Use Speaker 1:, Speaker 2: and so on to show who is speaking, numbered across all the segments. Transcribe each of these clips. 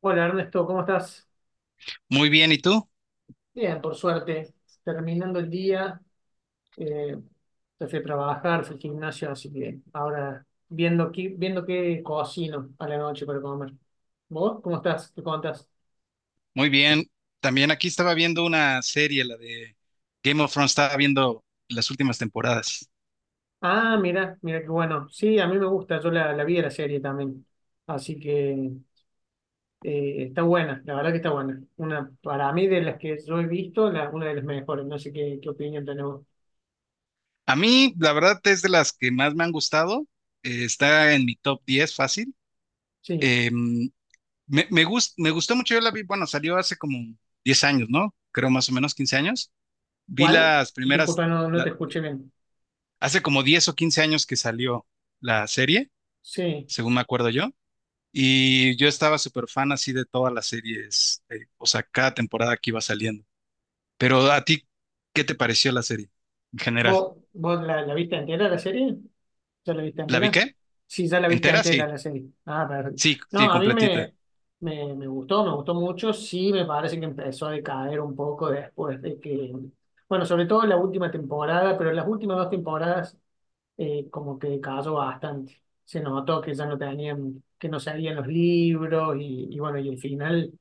Speaker 1: Hola Ernesto, ¿cómo estás?
Speaker 2: Muy bien, ¿y tú?
Speaker 1: Bien, por suerte. Terminando el día, eh, te fui a trabajar, fui al gimnasio, así que ahora viendo, viendo qué cocino a la noche para comer. ¿Vos cómo estás? ¿Qué contás?
Speaker 2: Muy bien. También aquí estaba viendo una serie, la de Game of Thrones, estaba viendo las últimas temporadas.
Speaker 1: Ah, mira, mira qué bueno. Sí, a mí me gusta, yo la vi la serie también. Así que está buena, la verdad que está buena. Una, para mí, de las que yo he visto, una de las mejores. No sé qué opinión tenés vos.
Speaker 2: A mí, la verdad, es de las que más me han gustado. Está en mi top 10 fácil.
Speaker 1: Sí.
Speaker 2: Eh, Me gustó mucho, yo la vi, bueno, salió hace como 10 años, ¿no? Creo más o menos 15 años. Vi
Speaker 1: ¿Cuál?
Speaker 2: las primeras,
Speaker 1: Disculpa, no te
Speaker 2: la-
Speaker 1: escuché bien.
Speaker 2: hace como 10 o 15 años que salió la serie,
Speaker 1: Sí.
Speaker 2: según me acuerdo yo. Y yo estaba súper fan así de todas las series, o sea, cada temporada que iba saliendo. Pero a ti, ¿qué te pareció la serie en general?
Speaker 1: ¿Vos la viste entera la serie? ¿Ya la viste
Speaker 2: ¿La vi
Speaker 1: entera?
Speaker 2: qué?
Speaker 1: Sí, ya la viste
Speaker 2: ¿Entera?
Speaker 1: entera
Speaker 2: Sí,
Speaker 1: la serie. Ah.
Speaker 2: sí, sí,
Speaker 1: No, a mí
Speaker 2: completita.
Speaker 1: me gustó mucho. Sí, me parece que empezó a decaer un poco después de que, bueno, sobre todo en la última temporada, pero en las últimas dos temporadas como que decayó bastante. Se notó que ya no tenían, que no salían los libros y bueno, y el final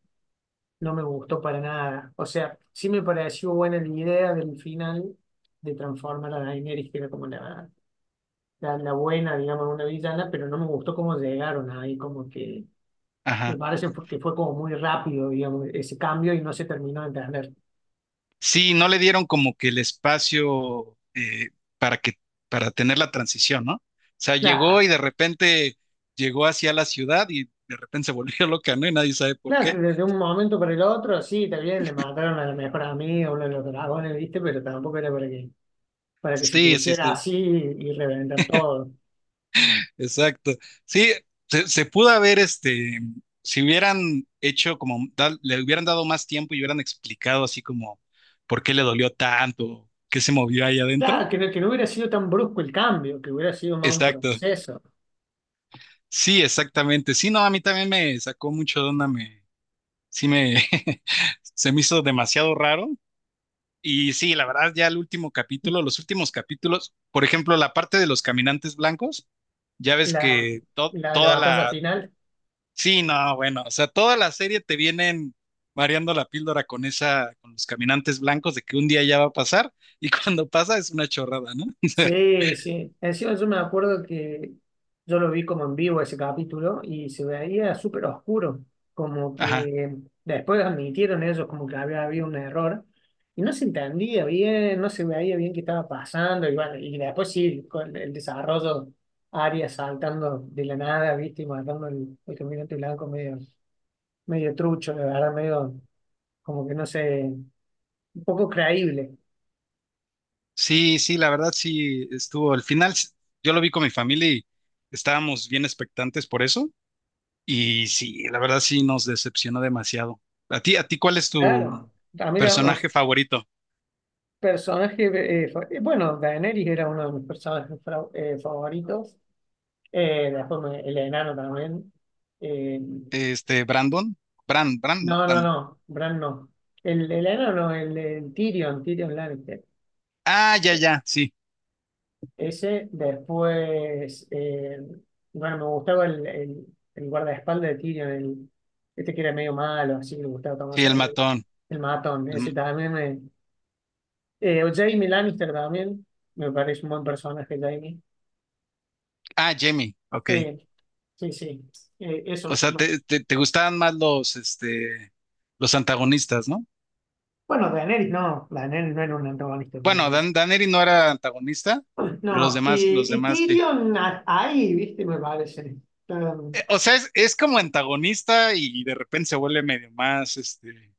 Speaker 1: no me gustó para nada. O sea, sí me pareció buena la idea del final de transformar a Daenerys, que era como la buena, digamos, una villana, pero no me gustó cómo llegaron ahí, como que
Speaker 2: Ajá.
Speaker 1: me parece que fue como muy rápido, digamos, ese cambio y no se terminó de entender.
Speaker 2: Sí, no le dieron como que el espacio para que, para tener la transición, ¿no? O sea, llegó
Speaker 1: Claro,
Speaker 2: y de repente llegó hacia la ciudad y de repente se volvió loca, ¿no? Y nadie sabe por
Speaker 1: claro que
Speaker 2: qué.
Speaker 1: desde un momento para el otro. Sí, también le mataron a la mejor amiga, uno de los dragones, ¿viste? Pero tampoco era para que se
Speaker 2: Sí, sí,
Speaker 1: pusiera
Speaker 2: sí.
Speaker 1: así y reventar todo.
Speaker 2: Exacto. Sí, se pudo haber, este, si hubieran hecho como, le hubieran dado más tiempo y hubieran explicado así como por qué le dolió tanto, qué se movió ahí adentro.
Speaker 1: Claro, que no hubiera sido tan brusco el cambio, que hubiera sido más un
Speaker 2: Exacto.
Speaker 1: proceso.
Speaker 2: Sí, exactamente. Sí, no, a mí también me sacó mucho de onda, sí me, se me hizo demasiado raro. Y sí, la verdad, ya el último capítulo, los últimos capítulos, por ejemplo, la parte de los caminantes blancos, ya ves
Speaker 1: La,
Speaker 2: que
Speaker 1: la
Speaker 2: toda
Speaker 1: batalla
Speaker 2: la,
Speaker 1: final.
Speaker 2: sí, no, bueno, o sea, toda la serie te vienen mareando la píldora con esa, con los caminantes blancos de que un día ya va a pasar y cuando pasa es una chorrada, ¿no?
Speaker 1: Sí, sí. Encima yo me acuerdo que yo lo vi como en vivo ese capítulo y se veía súper oscuro. Como
Speaker 2: Ajá.
Speaker 1: que después admitieron ellos como que había habido un error y no se entendía bien, no se veía bien qué estaba pasando. Y bueno, y después sí, con el desarrollo, Arya saltando de la nada, ¿viste? Y matando al caminante blanco medio, medio trucho, de verdad, medio como que no sé, un poco creíble.
Speaker 2: Sí, sí, la verdad sí estuvo. Al final yo lo vi con mi familia y estábamos bien expectantes por eso y sí, la verdad sí nos decepcionó demasiado. ¿A ti, cuál es tu
Speaker 1: Claro. A mí, la- o-
Speaker 2: personaje favorito?
Speaker 1: Personaje, bueno, Daenerys era uno de mis personajes favoritos. Después el enano también. Eh,
Speaker 2: Este, Brandon, Brand, Brand, ¿no?
Speaker 1: no, no,
Speaker 2: Brandon.
Speaker 1: no, Bran no. El enano, no, el Tyrion Lannister.
Speaker 2: Ah, ya,
Speaker 1: Eh,
Speaker 2: ya, sí,
Speaker 1: Ese, después, bueno, me gustaba el guardaespaldas de Tyrion, este que era medio malo, así le gustaba tomar
Speaker 2: sí, el
Speaker 1: cerveza.
Speaker 2: matón.
Speaker 1: El matón,
Speaker 2: El-
Speaker 1: ese
Speaker 2: m-
Speaker 1: también me. Jaime Lannister también, me parece un buen personaje, Jaime.
Speaker 2: ah, Jamie, ok.
Speaker 1: Sí. Sí, sí,
Speaker 2: O
Speaker 1: esos.
Speaker 2: sea, te gustaban más los, este, los antagonistas, ¿no?
Speaker 1: Bueno, Daenerys no era un antagonista, me
Speaker 2: Bueno,
Speaker 1: parece.
Speaker 2: Daneri no era antagonista, pero
Speaker 1: No, y
Speaker 2: los
Speaker 1: y
Speaker 2: demás sí.
Speaker 1: Tyrion ahí, viste, me parece, está
Speaker 2: O sea, es como antagonista y de repente se vuelve medio más, este,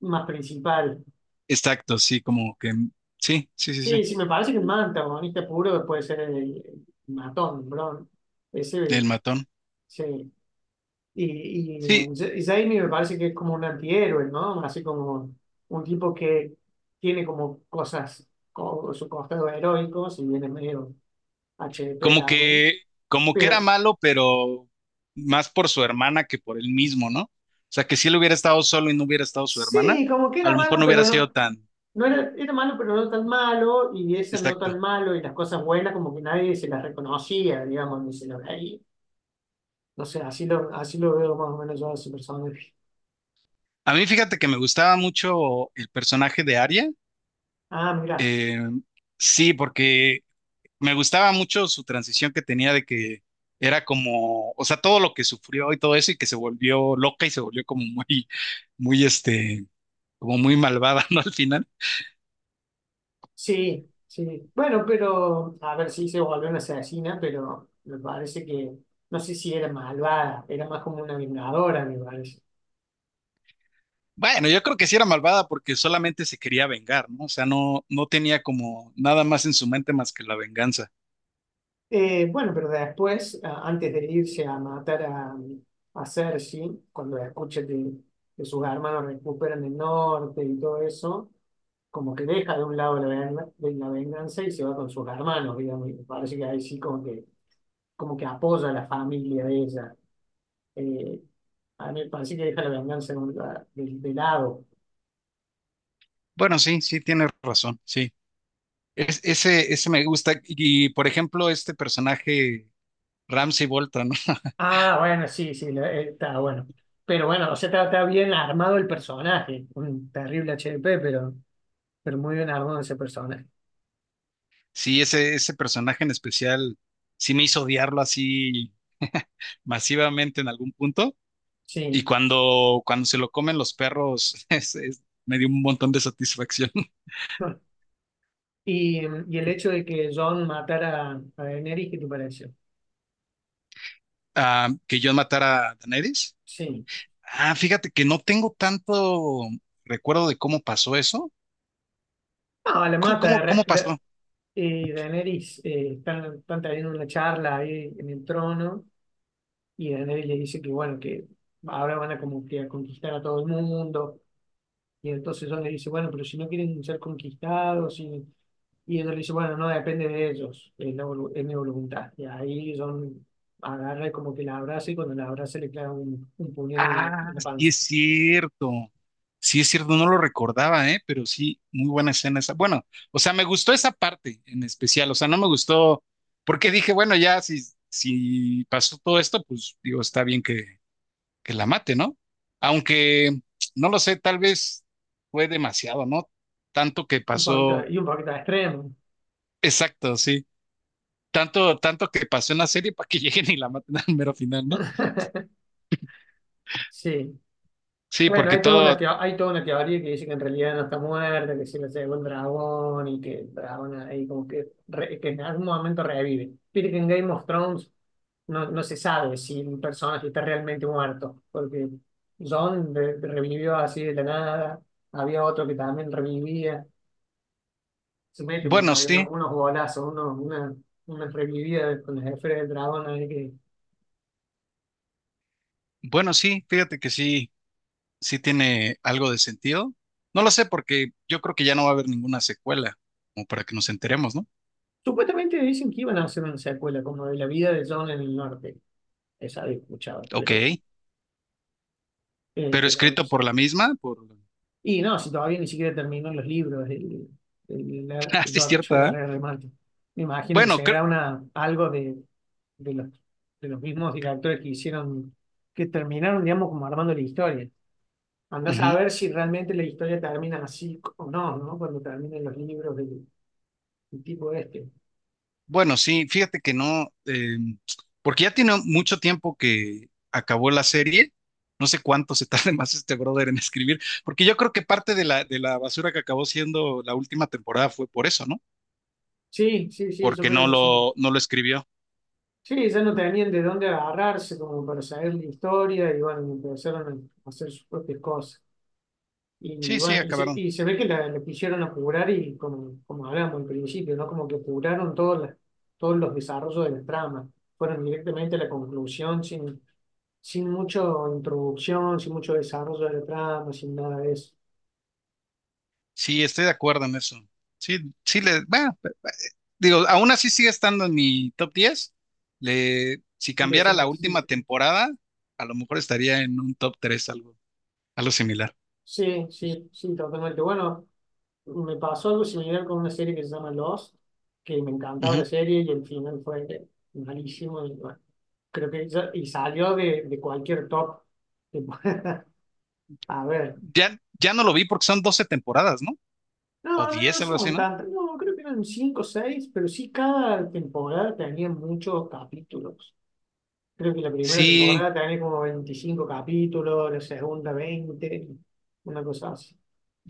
Speaker 1: más principal.
Speaker 2: exacto, sí, sí, sí, sí,
Speaker 1: Sí,
Speaker 2: sí,
Speaker 1: sí, me parece que el más antagonista puro puede ser el matón, Bron. Ese,
Speaker 2: el matón.
Speaker 1: sí. Y, y,
Speaker 2: Sí,
Speaker 1: um, Ja- y Jaime me parece que es como un antihéroe, ¿no? Así como un tipo que tiene como cosas, su costado heroico, si bien es medio HDP
Speaker 2: como
Speaker 1: también,
Speaker 2: que, como que era
Speaker 1: pero...
Speaker 2: malo, pero más por su hermana que por él mismo, ¿no? O sea, que si él hubiera estado solo y no hubiera estado su hermana,
Speaker 1: Sí, como que
Speaker 2: a
Speaker 1: era
Speaker 2: lo
Speaker 1: malo,
Speaker 2: mejor no
Speaker 1: pero
Speaker 2: hubiera
Speaker 1: no,
Speaker 2: sido tan,
Speaker 1: no era, malo, pero no tan malo, y ese no
Speaker 2: exacto.
Speaker 1: tan malo, y las cosas buenas como que nadie se las reconocía, digamos, ni se lo veía. No sé, así lo veo más o menos yo a ese personaje.
Speaker 2: A mí fíjate que me gustaba mucho el personaje de Arya.
Speaker 1: Ah, mira,
Speaker 2: eh, sí, porque me gustaba mucho su transición que tenía de que era como, o sea, todo lo que sufrió y todo eso y que se volvió loca y se volvió como muy, muy, este, como muy malvada, ¿no? Al final.
Speaker 1: sí, sí. Bueno, pero, a ver, si se volvió una asesina, pero me parece que no sé si era malvada, era más como una vengadora, me parece.
Speaker 2: Bueno, yo creo que sí era malvada porque solamente se quería vengar, ¿no? O sea, no, no tenía como nada más en su mente más que la venganza.
Speaker 1: Bueno, pero después, antes de irse a matar a Cersei, cuando escucha que sus hermanos recuperan el norte y todo eso, como que deja de un lado de la venganza y se va con sus hermanos, digamos, y me parece que ahí sí como que apoya a la familia de ella. Eh, a mí me parece que deja la venganza de lado.
Speaker 2: Bueno, sí, sí, tienes razón, sí. Ese, me gusta. Y, por ejemplo, este personaje Ramsey Bolton, ¿no?
Speaker 1: Ah, bueno, sí, sí, está bueno. Pero bueno, o sea, está bien armado el personaje, un terrible HDP, pero muy bien armado ese personaje.
Speaker 2: Sí, ese personaje en especial sí me hizo odiarlo así masivamente en algún punto. Y
Speaker 1: Sí.
Speaker 2: cuando se lo comen los perros, me dio un montón de satisfacción.
Speaker 1: Y, y el hecho de que Jon matara a Daenerys, ¿qué te pareció?
Speaker 2: Ah, que yo matara a Daenerys.
Speaker 1: Sí.
Speaker 2: Ah, fíjate que no tengo tanto recuerdo de cómo pasó eso.
Speaker 1: No, la
Speaker 2: ¿Cómo,
Speaker 1: mata.
Speaker 2: cómo, cómo pasó?
Speaker 1: Daenerys, están teniendo una charla ahí en el trono y Daenerys le dice que, bueno, que ahora van a como que a conquistar a todo el mundo. Y entonces Dios le dice, bueno, pero si no quieren ser conquistados, y ella le dice, bueno, no depende de ellos, es mi voluntad. Y ahí John agarra y como que la abraza y cuando la abraza le clava un puñal en la, en
Speaker 2: Ah,
Speaker 1: la
Speaker 2: sí es
Speaker 1: panza.
Speaker 2: cierto. Sí es cierto, no lo recordaba, ¿eh? Pero sí, muy buena escena esa. Bueno, o sea, me gustó esa parte en especial, o sea, no me gustó porque dije, bueno, ya si, pasó todo esto, pues digo, está bien que la mate, ¿no? Aunque, no lo sé, tal vez fue demasiado, ¿no? Tanto que
Speaker 1: Un poquito,
Speaker 2: pasó,
Speaker 1: y un poquito extremo.
Speaker 2: exacto, sí. Tanto, tanto que pasó en la serie para que lleguen y la maten al mero final, ¿no?
Speaker 1: Sí.
Speaker 2: Sí,
Speaker 1: Bueno,
Speaker 2: porque
Speaker 1: hay toda una
Speaker 2: todo,
Speaker 1: teo- hay toda una teoría que dice que en realidad no está muerta, que se la llevó el dragón y que el dragón ahí como que, que en algún momento revive. Viste que en Game of Thrones no se sabe si un personaje está realmente muerto, porque John revivió así de la nada, había otro que también revivía, se meten por
Speaker 2: bueno,
Speaker 1: ahí unos,
Speaker 2: sí,
Speaker 1: unos golazos, una revivida con las esferas del dragón, ahí que
Speaker 2: bueno, sí, fíjate que sí. Sí tiene algo de sentido. No lo sé porque yo creo que ya no va a haber ninguna secuela, como para que nos enteremos, ¿no?
Speaker 1: supuestamente dicen que iban a hacer una secuela como de la vida de John en el norte, esa había escuchado,
Speaker 2: Ok,
Speaker 1: pero, eh,
Speaker 2: pero
Speaker 1: pero no
Speaker 2: escrito
Speaker 1: sé.
Speaker 2: por la misma, por...
Speaker 1: Y no, si todavía ni siquiera terminó los libros el
Speaker 2: Ah, sí es
Speaker 1: George R.
Speaker 2: cierta. ¿Eh?
Speaker 1: R. Martin. Me imagino que
Speaker 2: Bueno,
Speaker 1: será algo de los, de los mismos directores que hicieron, que terminaron, digamos, como armando la historia. Andás a
Speaker 2: ujú.
Speaker 1: ver si realmente la historia termina así o no, ¿no? Cuando terminan los libros del tipo este.
Speaker 2: Bueno, sí, fíjate que no, porque ya tiene mucho tiempo que acabó la serie. No sé cuánto se tarde más este brother en escribir, porque yo creo que parte de la basura que acabó siendo la última temporada fue por eso, ¿no?
Speaker 1: Sí, sí, sí, yo
Speaker 2: Porque
Speaker 1: creo
Speaker 2: no
Speaker 1: que sí.
Speaker 2: lo, no lo escribió.
Speaker 1: Sí, ya no tenían de dónde agarrarse como para saber la historia y bueno, empezaron a hacer sus propias cosas. Y
Speaker 2: Sí, sí,
Speaker 1: bueno, y se,
Speaker 2: acabaron.
Speaker 1: y se ve que la pusieron a apurar y como hablábamos al principio, ¿no? Como que apuraron todos, todos los desarrollos de la trama. Fueron directamente a la conclusión sin mucha introducción, sin mucho desarrollo de la trama, sin nada de eso.
Speaker 2: Sí, estoy de acuerdo en eso. Sí, sí le, bueno, digo, aún así sigue estando en mi top 10. Le, si
Speaker 1: De
Speaker 2: cambiara la
Speaker 1: series.
Speaker 2: última temporada, a lo mejor estaría en un top 3, algo, algo similar.
Speaker 1: Sí, sí, sí, totalmente. Bueno, me pasó algo similar con una serie que se llama Lost, que me encantaba la
Speaker 2: Ujú.
Speaker 1: serie y el final fue malísimo. Y bueno, creo que y salió de, cualquier top que pueda haber.
Speaker 2: Ya, ya no lo vi porque son 12 temporadas, ¿no?
Speaker 1: No,
Speaker 2: O
Speaker 1: no, no
Speaker 2: 10, algo así,
Speaker 1: son
Speaker 2: ¿no?
Speaker 1: tantas. No, creo que eran cinco o seis, pero sí cada temporada tenía muchos capítulos. Creo que la primera
Speaker 2: Sí,
Speaker 1: temporada tenía como 25 capítulos, la segunda 20, una cosa así.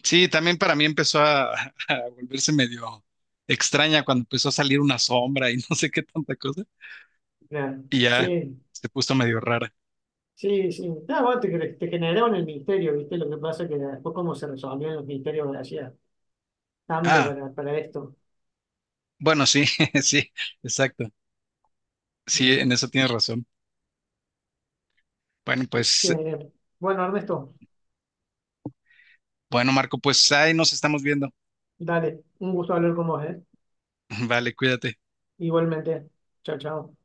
Speaker 2: sí, también para mí empezó a, a volverse medio extraña cuando empezó a salir una sombra y no sé qué tanta cosa.
Speaker 1: Claro.
Speaker 2: Y ya
Speaker 1: Sí,
Speaker 2: se puso medio rara.
Speaker 1: sí, sí. Ah, bueno, te generaron el misterio, ¿viste? Lo que pasa es que después cómo se resolvían los misterios gracias tanto
Speaker 2: Ah,
Speaker 1: para esto.
Speaker 2: bueno, sí, sí, exacto. Sí,
Speaker 1: Bueno,
Speaker 2: en eso tienes razón. Bueno, pues,
Speaker 1: che, bueno, Ernesto,
Speaker 2: bueno, Marco, pues ahí nos estamos viendo.
Speaker 1: dale, un gusto hablar con vos, ¿eh?
Speaker 2: Vale, cuídate.
Speaker 1: Igualmente. Chao, chao.